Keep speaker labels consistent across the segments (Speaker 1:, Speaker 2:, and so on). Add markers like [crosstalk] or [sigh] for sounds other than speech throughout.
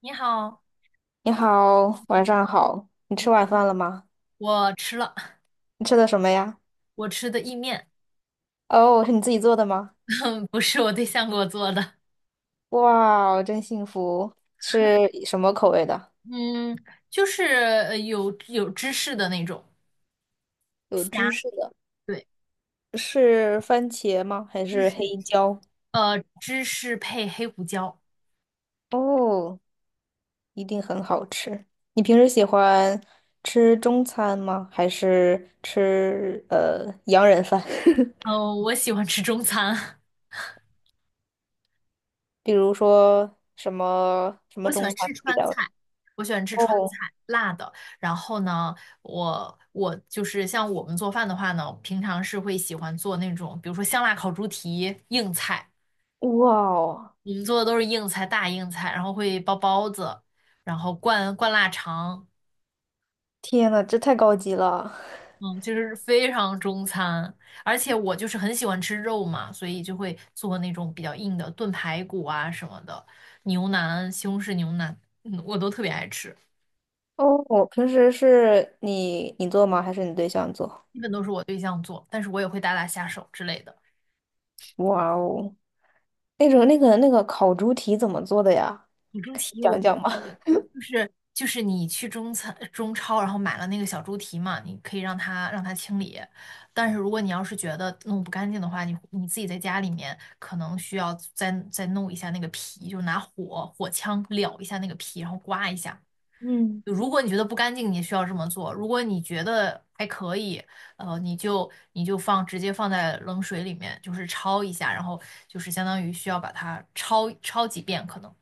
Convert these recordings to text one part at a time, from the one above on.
Speaker 1: 你好，
Speaker 2: 你好，晚上好。你吃
Speaker 1: 你
Speaker 2: 晚饭了吗？
Speaker 1: 我吃了，[laughs]
Speaker 2: 你吃的什么呀？
Speaker 1: 我吃的意面，
Speaker 2: 哦，是你自己做的吗？
Speaker 1: [laughs] 不是我对象给我做的。
Speaker 2: 哇，真幸福。是什么口味的？
Speaker 1: 嗯，就是有芝士的那种
Speaker 2: 有
Speaker 1: 虾，
Speaker 2: 芝士的，
Speaker 1: 对，
Speaker 2: 是番茄吗？还
Speaker 1: 芝
Speaker 2: 是黑
Speaker 1: 士，
Speaker 2: 椒？
Speaker 1: 芝士配黑胡椒。
Speaker 2: 哦，一定很好吃。你平时喜欢吃中餐吗？还是吃洋人饭？[laughs]
Speaker 1: 我喜欢吃中餐。
Speaker 2: 比如说什么什
Speaker 1: [laughs] 我
Speaker 2: 么
Speaker 1: 喜
Speaker 2: 中
Speaker 1: 欢
Speaker 2: 餐
Speaker 1: 吃
Speaker 2: 比
Speaker 1: 川
Speaker 2: 较？
Speaker 1: 菜，我喜欢吃川
Speaker 2: 哦，
Speaker 1: 菜，辣的。然后呢，我就是像我们做饭的话呢，平常是会喜欢做那种，比如说香辣烤猪蹄，硬菜。
Speaker 2: 哇哦，
Speaker 1: 我们做的都是硬菜，大硬菜，然后会包包子，然后灌灌腊肠。
Speaker 2: 天呐，这太高级了。
Speaker 1: 嗯，就是非常中餐。而且我就是很喜欢吃肉嘛，所以就会做那种比较硬的炖排骨啊什么的，牛腩、西红柿牛腩，嗯，我都特别爱吃。
Speaker 2: 哦，我平时是你做吗？还是你对象做？
Speaker 1: 基本都是我对象做，但是我也会打打下手之类的。
Speaker 2: 哇哦，那种那个烤猪蹄怎么做的呀？
Speaker 1: 小猪
Speaker 2: 可以
Speaker 1: 蹄我
Speaker 2: 讲
Speaker 1: 跟
Speaker 2: 讲吗？
Speaker 1: 你说，
Speaker 2: [laughs]
Speaker 1: 就是你去中餐中超，然后买了那个小猪蹄嘛，你可以让它清理。但是如果你要是觉得弄不干净的话，你自己在家里面可能需要再弄一下那个皮，就拿火枪燎一下那个皮，然后刮一下。
Speaker 2: 嗯，
Speaker 1: 就如果你觉得不干净，你需要这么做；如果你觉得还可以，你就直接放在冷水里面，就是焯一下，然后就是相当于需要把它焯焯几遍可能。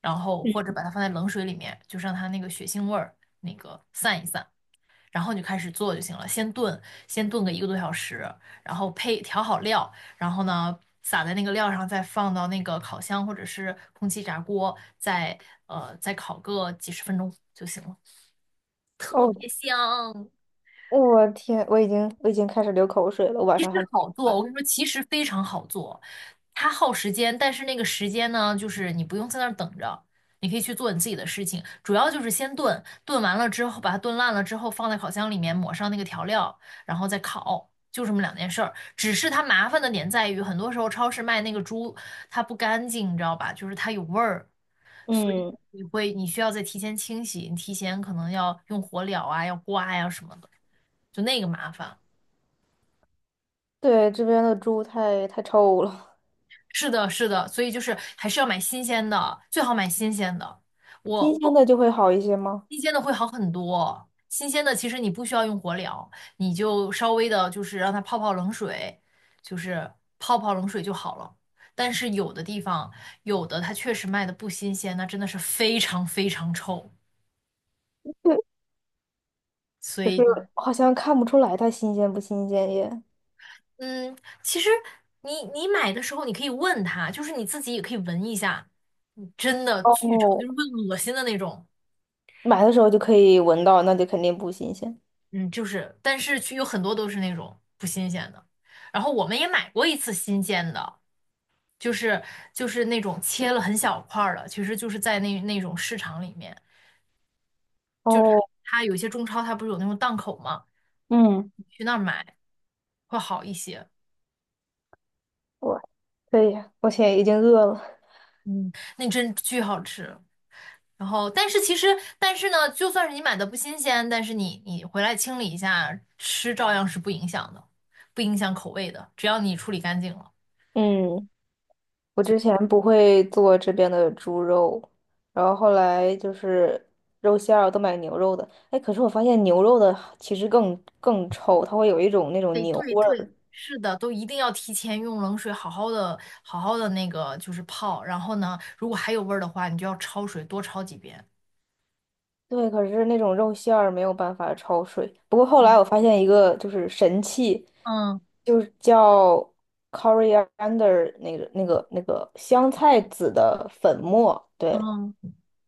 Speaker 1: 然后或者把它放在冷水里面，就让它那个血腥味儿那个散一散，然后你就开始做就行了。先炖个一个多小时，然后配调好料，然后呢撒在那个料上，再放到那个烤箱或者是空气炸锅，再烤个几十分钟就行了，特
Speaker 2: 哦，
Speaker 1: 别香。
Speaker 2: 我天，我已经开始流口水了，我晚
Speaker 1: 其实
Speaker 2: 上还没吃
Speaker 1: 好做，我
Speaker 2: 饭。
Speaker 1: 跟你说，其实非常好做，它耗时间，但是那个时间呢，就是你不用在那儿等着，你可以去做你自己的事情。主要就是先炖，炖完了之后，把它炖烂了之后，放在烤箱里面抹上那个调料，然后再烤，就这么两件事儿。只是它麻烦的点在于，很多时候超市卖那个猪，它不干净，你知道吧？就是它有味儿，所以
Speaker 2: 嗯，
Speaker 1: 你需要再提前清洗，你提前可能要用火燎啊，要刮呀、什么的，就那个麻烦。
Speaker 2: 对，这边的猪太臭了，
Speaker 1: 是的，是的，所以就是还是要买新鲜的，最好买新鲜的。
Speaker 2: 新
Speaker 1: 我
Speaker 2: 鲜的就会好一些吗？
Speaker 1: 新鲜的会好很多，新鲜的其实你不需要用火燎，你就稍微的就是让它泡泡冷水，就是泡泡冷水就好了。但是有的地方，有的它确实卖的不新鲜，那真的是非常非常臭。
Speaker 2: 对，
Speaker 1: 所
Speaker 2: 可是
Speaker 1: 以就是
Speaker 2: 好像看不出来它新鲜不新鲜耶。
Speaker 1: 嗯，其实你买的时候，你可以问他，就是你自己也可以闻一下。真的巨臭，就
Speaker 2: 哦，
Speaker 1: 是会恶心的那种。
Speaker 2: 买的时候就可以闻到，那就肯定不新鲜。
Speaker 1: 嗯，就是，但是去有很多都是那种不新鲜的。然后我们也买过一次新鲜的，就是就是那种切了很小块儿的，其实就是在那种市场里面，就是
Speaker 2: 哦，
Speaker 1: 它有一些中超它不是有那种档口吗？
Speaker 2: 嗯。
Speaker 1: 你去那儿买会好一些。
Speaker 2: 我可以，我现在已经饿了。
Speaker 1: 嗯，那真巨好吃。然后，但是其实，但是呢，就算是你买的不新鲜，但是你回来清理一下，吃照样是不影响的，不影响口味的，只要你处理干净了。
Speaker 2: 嗯，我之前不会做这边的猪肉，然后后来就是肉馅儿都买牛肉的。哎，可是我发现牛肉的其实更臭，它会有一种那种
Speaker 1: 得
Speaker 2: 牛
Speaker 1: 对
Speaker 2: 味
Speaker 1: 对，
Speaker 2: 儿。
Speaker 1: 是的，都一定要提前用冷水好好的、好好的那个就是泡，然后呢，如果还有味儿的话，你就要焯水，多焯几遍。
Speaker 2: 对，可是那种肉馅儿没有办法焯水。不过后来我
Speaker 1: 嗯
Speaker 2: 发现一个就是神器，
Speaker 1: 嗯
Speaker 2: 就是叫 coriander 那个香菜籽的粉末，对，
Speaker 1: 嗯，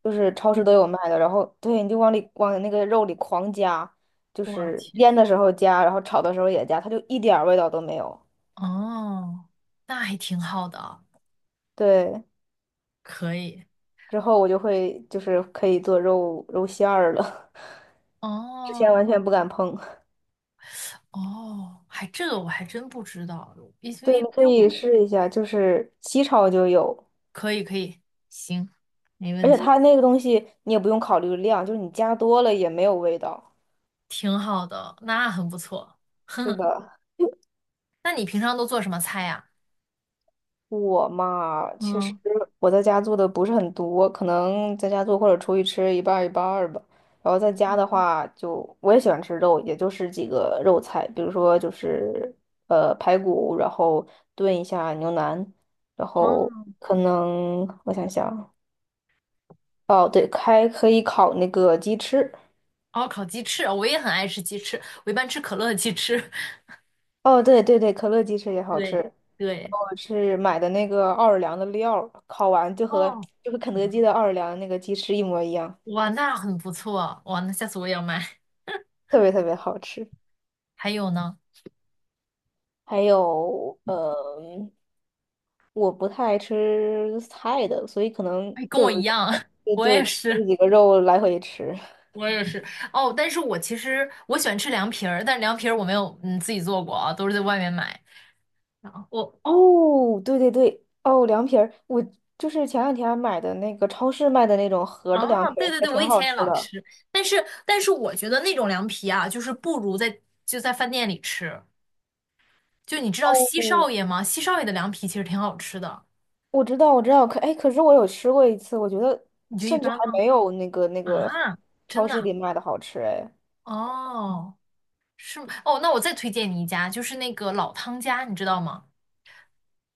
Speaker 2: 就是超市都有卖的，然后对，你就往那个肉里狂加，就
Speaker 1: 我
Speaker 2: 是
Speaker 1: 天，
Speaker 2: 腌的时候加，然后炒的时候也加，它就一点儿味道都没有。
Speaker 1: 哦，那还挺好的，
Speaker 2: 对，
Speaker 1: 可以。
Speaker 2: 之后我就会就是可以做肉馅儿了，[laughs] 之前
Speaker 1: 哦
Speaker 2: 完全不敢碰。
Speaker 1: 哦，还这个我还真不知道，因为
Speaker 2: 对，
Speaker 1: 因
Speaker 2: 你可
Speaker 1: 为
Speaker 2: 以
Speaker 1: 我
Speaker 2: 试一下，就是西炒就有，
Speaker 1: 可以可以，行，没
Speaker 2: 而
Speaker 1: 问
Speaker 2: 且
Speaker 1: 题，
Speaker 2: 它那个东西你也不用考虑量，就是你加多了也没有味道。
Speaker 1: 挺好的，那很不错。[laughs]
Speaker 2: 是
Speaker 1: 哼
Speaker 2: 的，
Speaker 1: 那你平常都做什么菜呀？
Speaker 2: 我嘛，其实
Speaker 1: 嗯，
Speaker 2: 我在家做的不是很多，可能在家做或者出去吃一半儿一半儿吧。然后在家的话就，我也喜欢吃肉，也就是几个肉菜，比如说就是排骨，然后炖一下牛腩，然后
Speaker 1: 哦，
Speaker 2: 可能我想想，哦对，还可以烤那个鸡翅，
Speaker 1: 哦，烤鸡翅，哦我也很爱吃鸡翅，我一般吃可乐的鸡翅。[laughs]
Speaker 2: 哦对对对，可乐鸡翅也好
Speaker 1: 对
Speaker 2: 吃。
Speaker 1: 对，
Speaker 2: 我是买的那个奥尔良的料儿，烤完就和
Speaker 1: 哦，
Speaker 2: 就和肯德基的奥尔良那个鸡翅一模一样。
Speaker 1: 哇，那很不错，哇，那下次我也要买。
Speaker 2: 特别特别好吃。
Speaker 1: 还有呢？
Speaker 2: 还有，我不太爱吃菜的，所以可能
Speaker 1: 哎，跟
Speaker 2: 就
Speaker 1: 我
Speaker 2: 是
Speaker 1: 一样，
Speaker 2: 肉
Speaker 1: [laughs]
Speaker 2: 就
Speaker 1: 我也
Speaker 2: 就这
Speaker 1: 是，
Speaker 2: 几个肉来回吃。
Speaker 1: 我也是。哦，但是我其实我喜欢吃凉皮儿，但是凉皮儿我没有嗯自己做过啊，都是在外面买。然后我
Speaker 2: 哦，对对对，哦，凉皮儿，我就是前两天买的那个超市卖的那种盒儿的凉
Speaker 1: 啊，
Speaker 2: 皮
Speaker 1: 对
Speaker 2: 儿，
Speaker 1: 对
Speaker 2: 还
Speaker 1: 对，我
Speaker 2: 挺
Speaker 1: 以
Speaker 2: 好
Speaker 1: 前也
Speaker 2: 吃
Speaker 1: 老
Speaker 2: 的。
Speaker 1: 吃，但是但是我觉得那种凉皮啊，就是不如就在饭店里吃。就你知道西少
Speaker 2: 哦，
Speaker 1: 爷吗？西少爷的凉皮其实挺好吃的，
Speaker 2: 我知道，我知道，可哎，可是我有吃过一次，我觉得
Speaker 1: 你觉得一
Speaker 2: 甚至
Speaker 1: 般
Speaker 2: 还
Speaker 1: 吗？
Speaker 2: 没有那个
Speaker 1: 啊，真
Speaker 2: 超
Speaker 1: 的
Speaker 2: 市
Speaker 1: 啊，
Speaker 2: 里卖的好吃哎。
Speaker 1: 哦，是吗？哦，那我再推荐你一家，就是那个老汤家，你知道吗？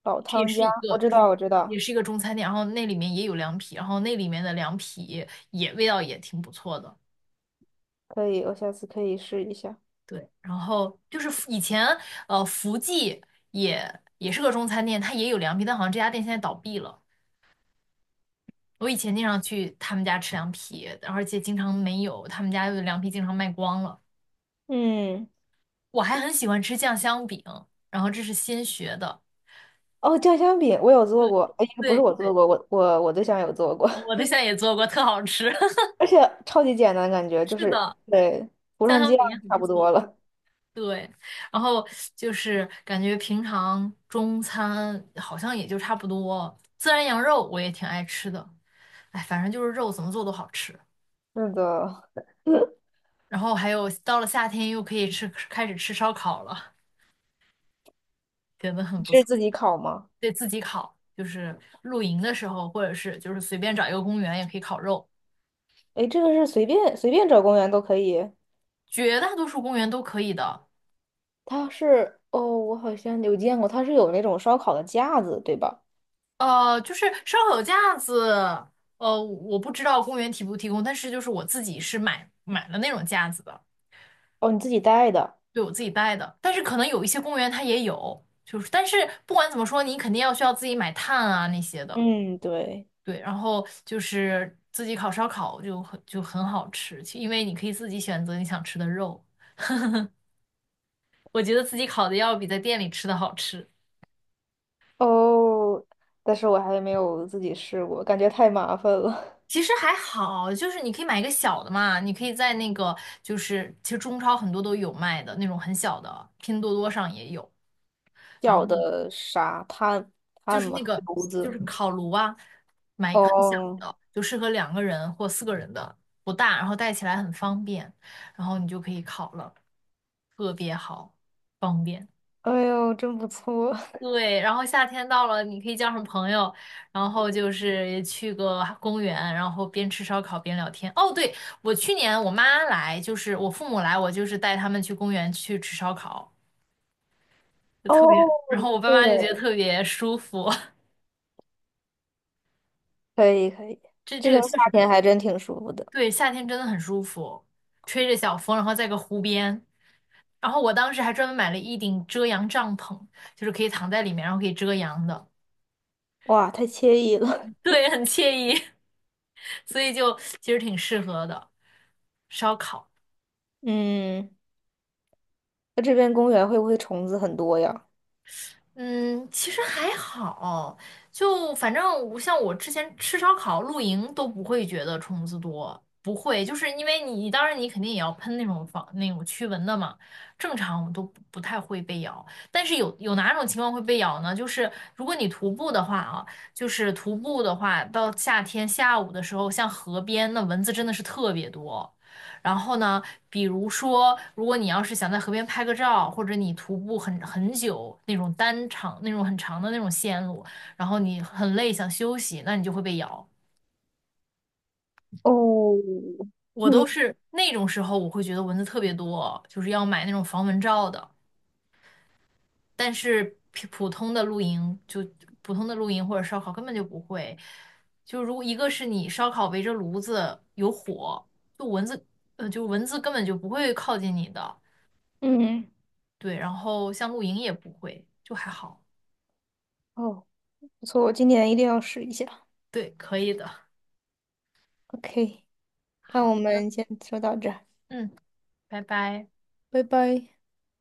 Speaker 2: 老
Speaker 1: 这也
Speaker 2: 汤
Speaker 1: 是
Speaker 2: 家，
Speaker 1: 一
Speaker 2: 我
Speaker 1: 个
Speaker 2: 知道，
Speaker 1: 中，
Speaker 2: 我知
Speaker 1: 也
Speaker 2: 道，
Speaker 1: 是一个中餐店，然后那里面也有凉皮，然后那里面的凉皮也味道也挺不错的。
Speaker 2: 可以，我下次可以试一下。
Speaker 1: 对，然后就是以前福记也是个中餐店，它也有凉皮，但好像这家店现在倒闭了。我以前经常去他们家吃凉皮，而且经常没有，他们家的凉皮经常卖光了。
Speaker 2: 嗯，
Speaker 1: 我还很喜欢吃酱香饼，然后这是新学的。
Speaker 2: 哦，酱香饼我有做
Speaker 1: 对
Speaker 2: 过，哎，不是
Speaker 1: 对
Speaker 2: 我做
Speaker 1: 对，
Speaker 2: 过，我对象有做过，
Speaker 1: 我对象也做过，特好吃。[laughs]
Speaker 2: [laughs] 而且超级简单，感觉就
Speaker 1: 是
Speaker 2: 是
Speaker 1: 的，
Speaker 2: 对，涂
Speaker 1: 家
Speaker 2: 上
Speaker 1: 乡
Speaker 2: 酱
Speaker 1: 饼也很
Speaker 2: 差
Speaker 1: 不
Speaker 2: 不多
Speaker 1: 错。
Speaker 2: 了。
Speaker 1: 对，然后就是感觉平常中餐好像也就差不多。孜然羊肉我也挺爱吃的，哎，反正就是肉怎么做都好吃。
Speaker 2: [laughs] 是的，
Speaker 1: 然后还有到了夏天又可以吃，开始吃烧烤了，觉得很
Speaker 2: 你
Speaker 1: 不
Speaker 2: 是
Speaker 1: 错。
Speaker 2: 自己烤吗？
Speaker 1: 对自己烤，就是露营的时候，或者是就是随便找一个公园也可以烤肉，
Speaker 2: 哎，这个是随便找公园都可以。
Speaker 1: 绝大多数公园都可以的。
Speaker 2: 它是哦，我好像有见过，它是有那种烧烤的架子，对吧？
Speaker 1: 就是烧烤架子，我不知道公园提不提供，但是就是我自己是买了那种架子的，
Speaker 2: 哦，你自己带的。
Speaker 1: 对我自己带的。但是可能有一些公园它也有，就是但是不管怎么说，你肯定要需要自己买炭啊那些的，
Speaker 2: 嗯，对。
Speaker 1: 对。然后就是自己烤烧烤就很好吃，因为你可以自己选择你想吃的肉。我觉得自己烤的要比在店里吃的好吃。
Speaker 2: 哦，但是我还没有自己试过，感觉太麻烦了。
Speaker 1: 其实还好，就是你可以买一个小的嘛，你可以在那个就是其实中超很多都有卖的那种很小的，拼多多上也有。
Speaker 2: [laughs]
Speaker 1: 然后
Speaker 2: 小的啥炭
Speaker 1: 就是
Speaker 2: 吗？
Speaker 1: 那
Speaker 2: 还是
Speaker 1: 个
Speaker 2: 炉
Speaker 1: 就是
Speaker 2: 子？
Speaker 1: 烤炉啊，买一个很小
Speaker 2: 哦，
Speaker 1: 的，就适合两个人或四个人的，不大，然后带起来很方便，然后你就可以烤了，特别好，方便。
Speaker 2: 哎呦，真不错，
Speaker 1: 对，然后夏天到了，你可以叫上朋友，然后就是去个公园，然后边吃烧烤边聊天。哦，对，我去年我妈来，就是我父母来，我就是带他们去公园去吃烧烤，
Speaker 2: [laughs]
Speaker 1: 就
Speaker 2: 哦，
Speaker 1: 特别，然后我爸妈就觉得
Speaker 2: 对，
Speaker 1: 特别舒服。
Speaker 2: 可以可以，
Speaker 1: [laughs] 这
Speaker 2: 这
Speaker 1: 这
Speaker 2: 边
Speaker 1: 个
Speaker 2: 夏
Speaker 1: 确实不
Speaker 2: 天
Speaker 1: 错，
Speaker 2: 还真挺舒服的，
Speaker 1: 对，夏天真的很舒服，吹着小风，然后在个湖边，然后我当时还专门买了一顶遮阳帐篷，就是可以躺在里面，然后可以遮阳的，
Speaker 2: 哇，太惬意了。
Speaker 1: [laughs]
Speaker 2: [laughs]
Speaker 1: 对，很惬意。[laughs] 所以就其实挺适合的，烧烤。
Speaker 2: 嗯，那这边公园会不会虫子很多呀？
Speaker 1: 嗯，其实还好，就反正我像我之前吃烧烤、露营都不会觉得虫子多，不会，就是因为你当然你肯定也要喷那种防那种驱蚊的嘛，正常我们都不太会被咬，但是有哪种情况会被咬呢？就是如果你徒步的话啊，就是徒步的话，到夏天下午的时候，像河边那蚊子真的是特别多。然后呢，比如说，如果你要是想在河边拍个照，或者你徒步很久那种那种很长的那种线路，然后你很累想休息，那你就会被咬。
Speaker 2: 哦，
Speaker 1: 我都
Speaker 2: 嗯，
Speaker 1: 是那种时候，我会觉得蚊子特别多，就是要买那种防蚊罩的。但是普通的露营，就普通的露营或者烧烤根本就不会。就如果一个是你烧烤围着炉子有火，就蚊子，就蚊子根本就不会靠近你的。
Speaker 2: 嗯，
Speaker 1: 对，然后像露营也不会，就还好。
Speaker 2: 哦，不错，我今年一定要试一下。
Speaker 1: 对，可以的。
Speaker 2: OK，那我
Speaker 1: 好的，
Speaker 2: 们先说到这儿，
Speaker 1: 嗯，拜拜。
Speaker 2: 拜拜。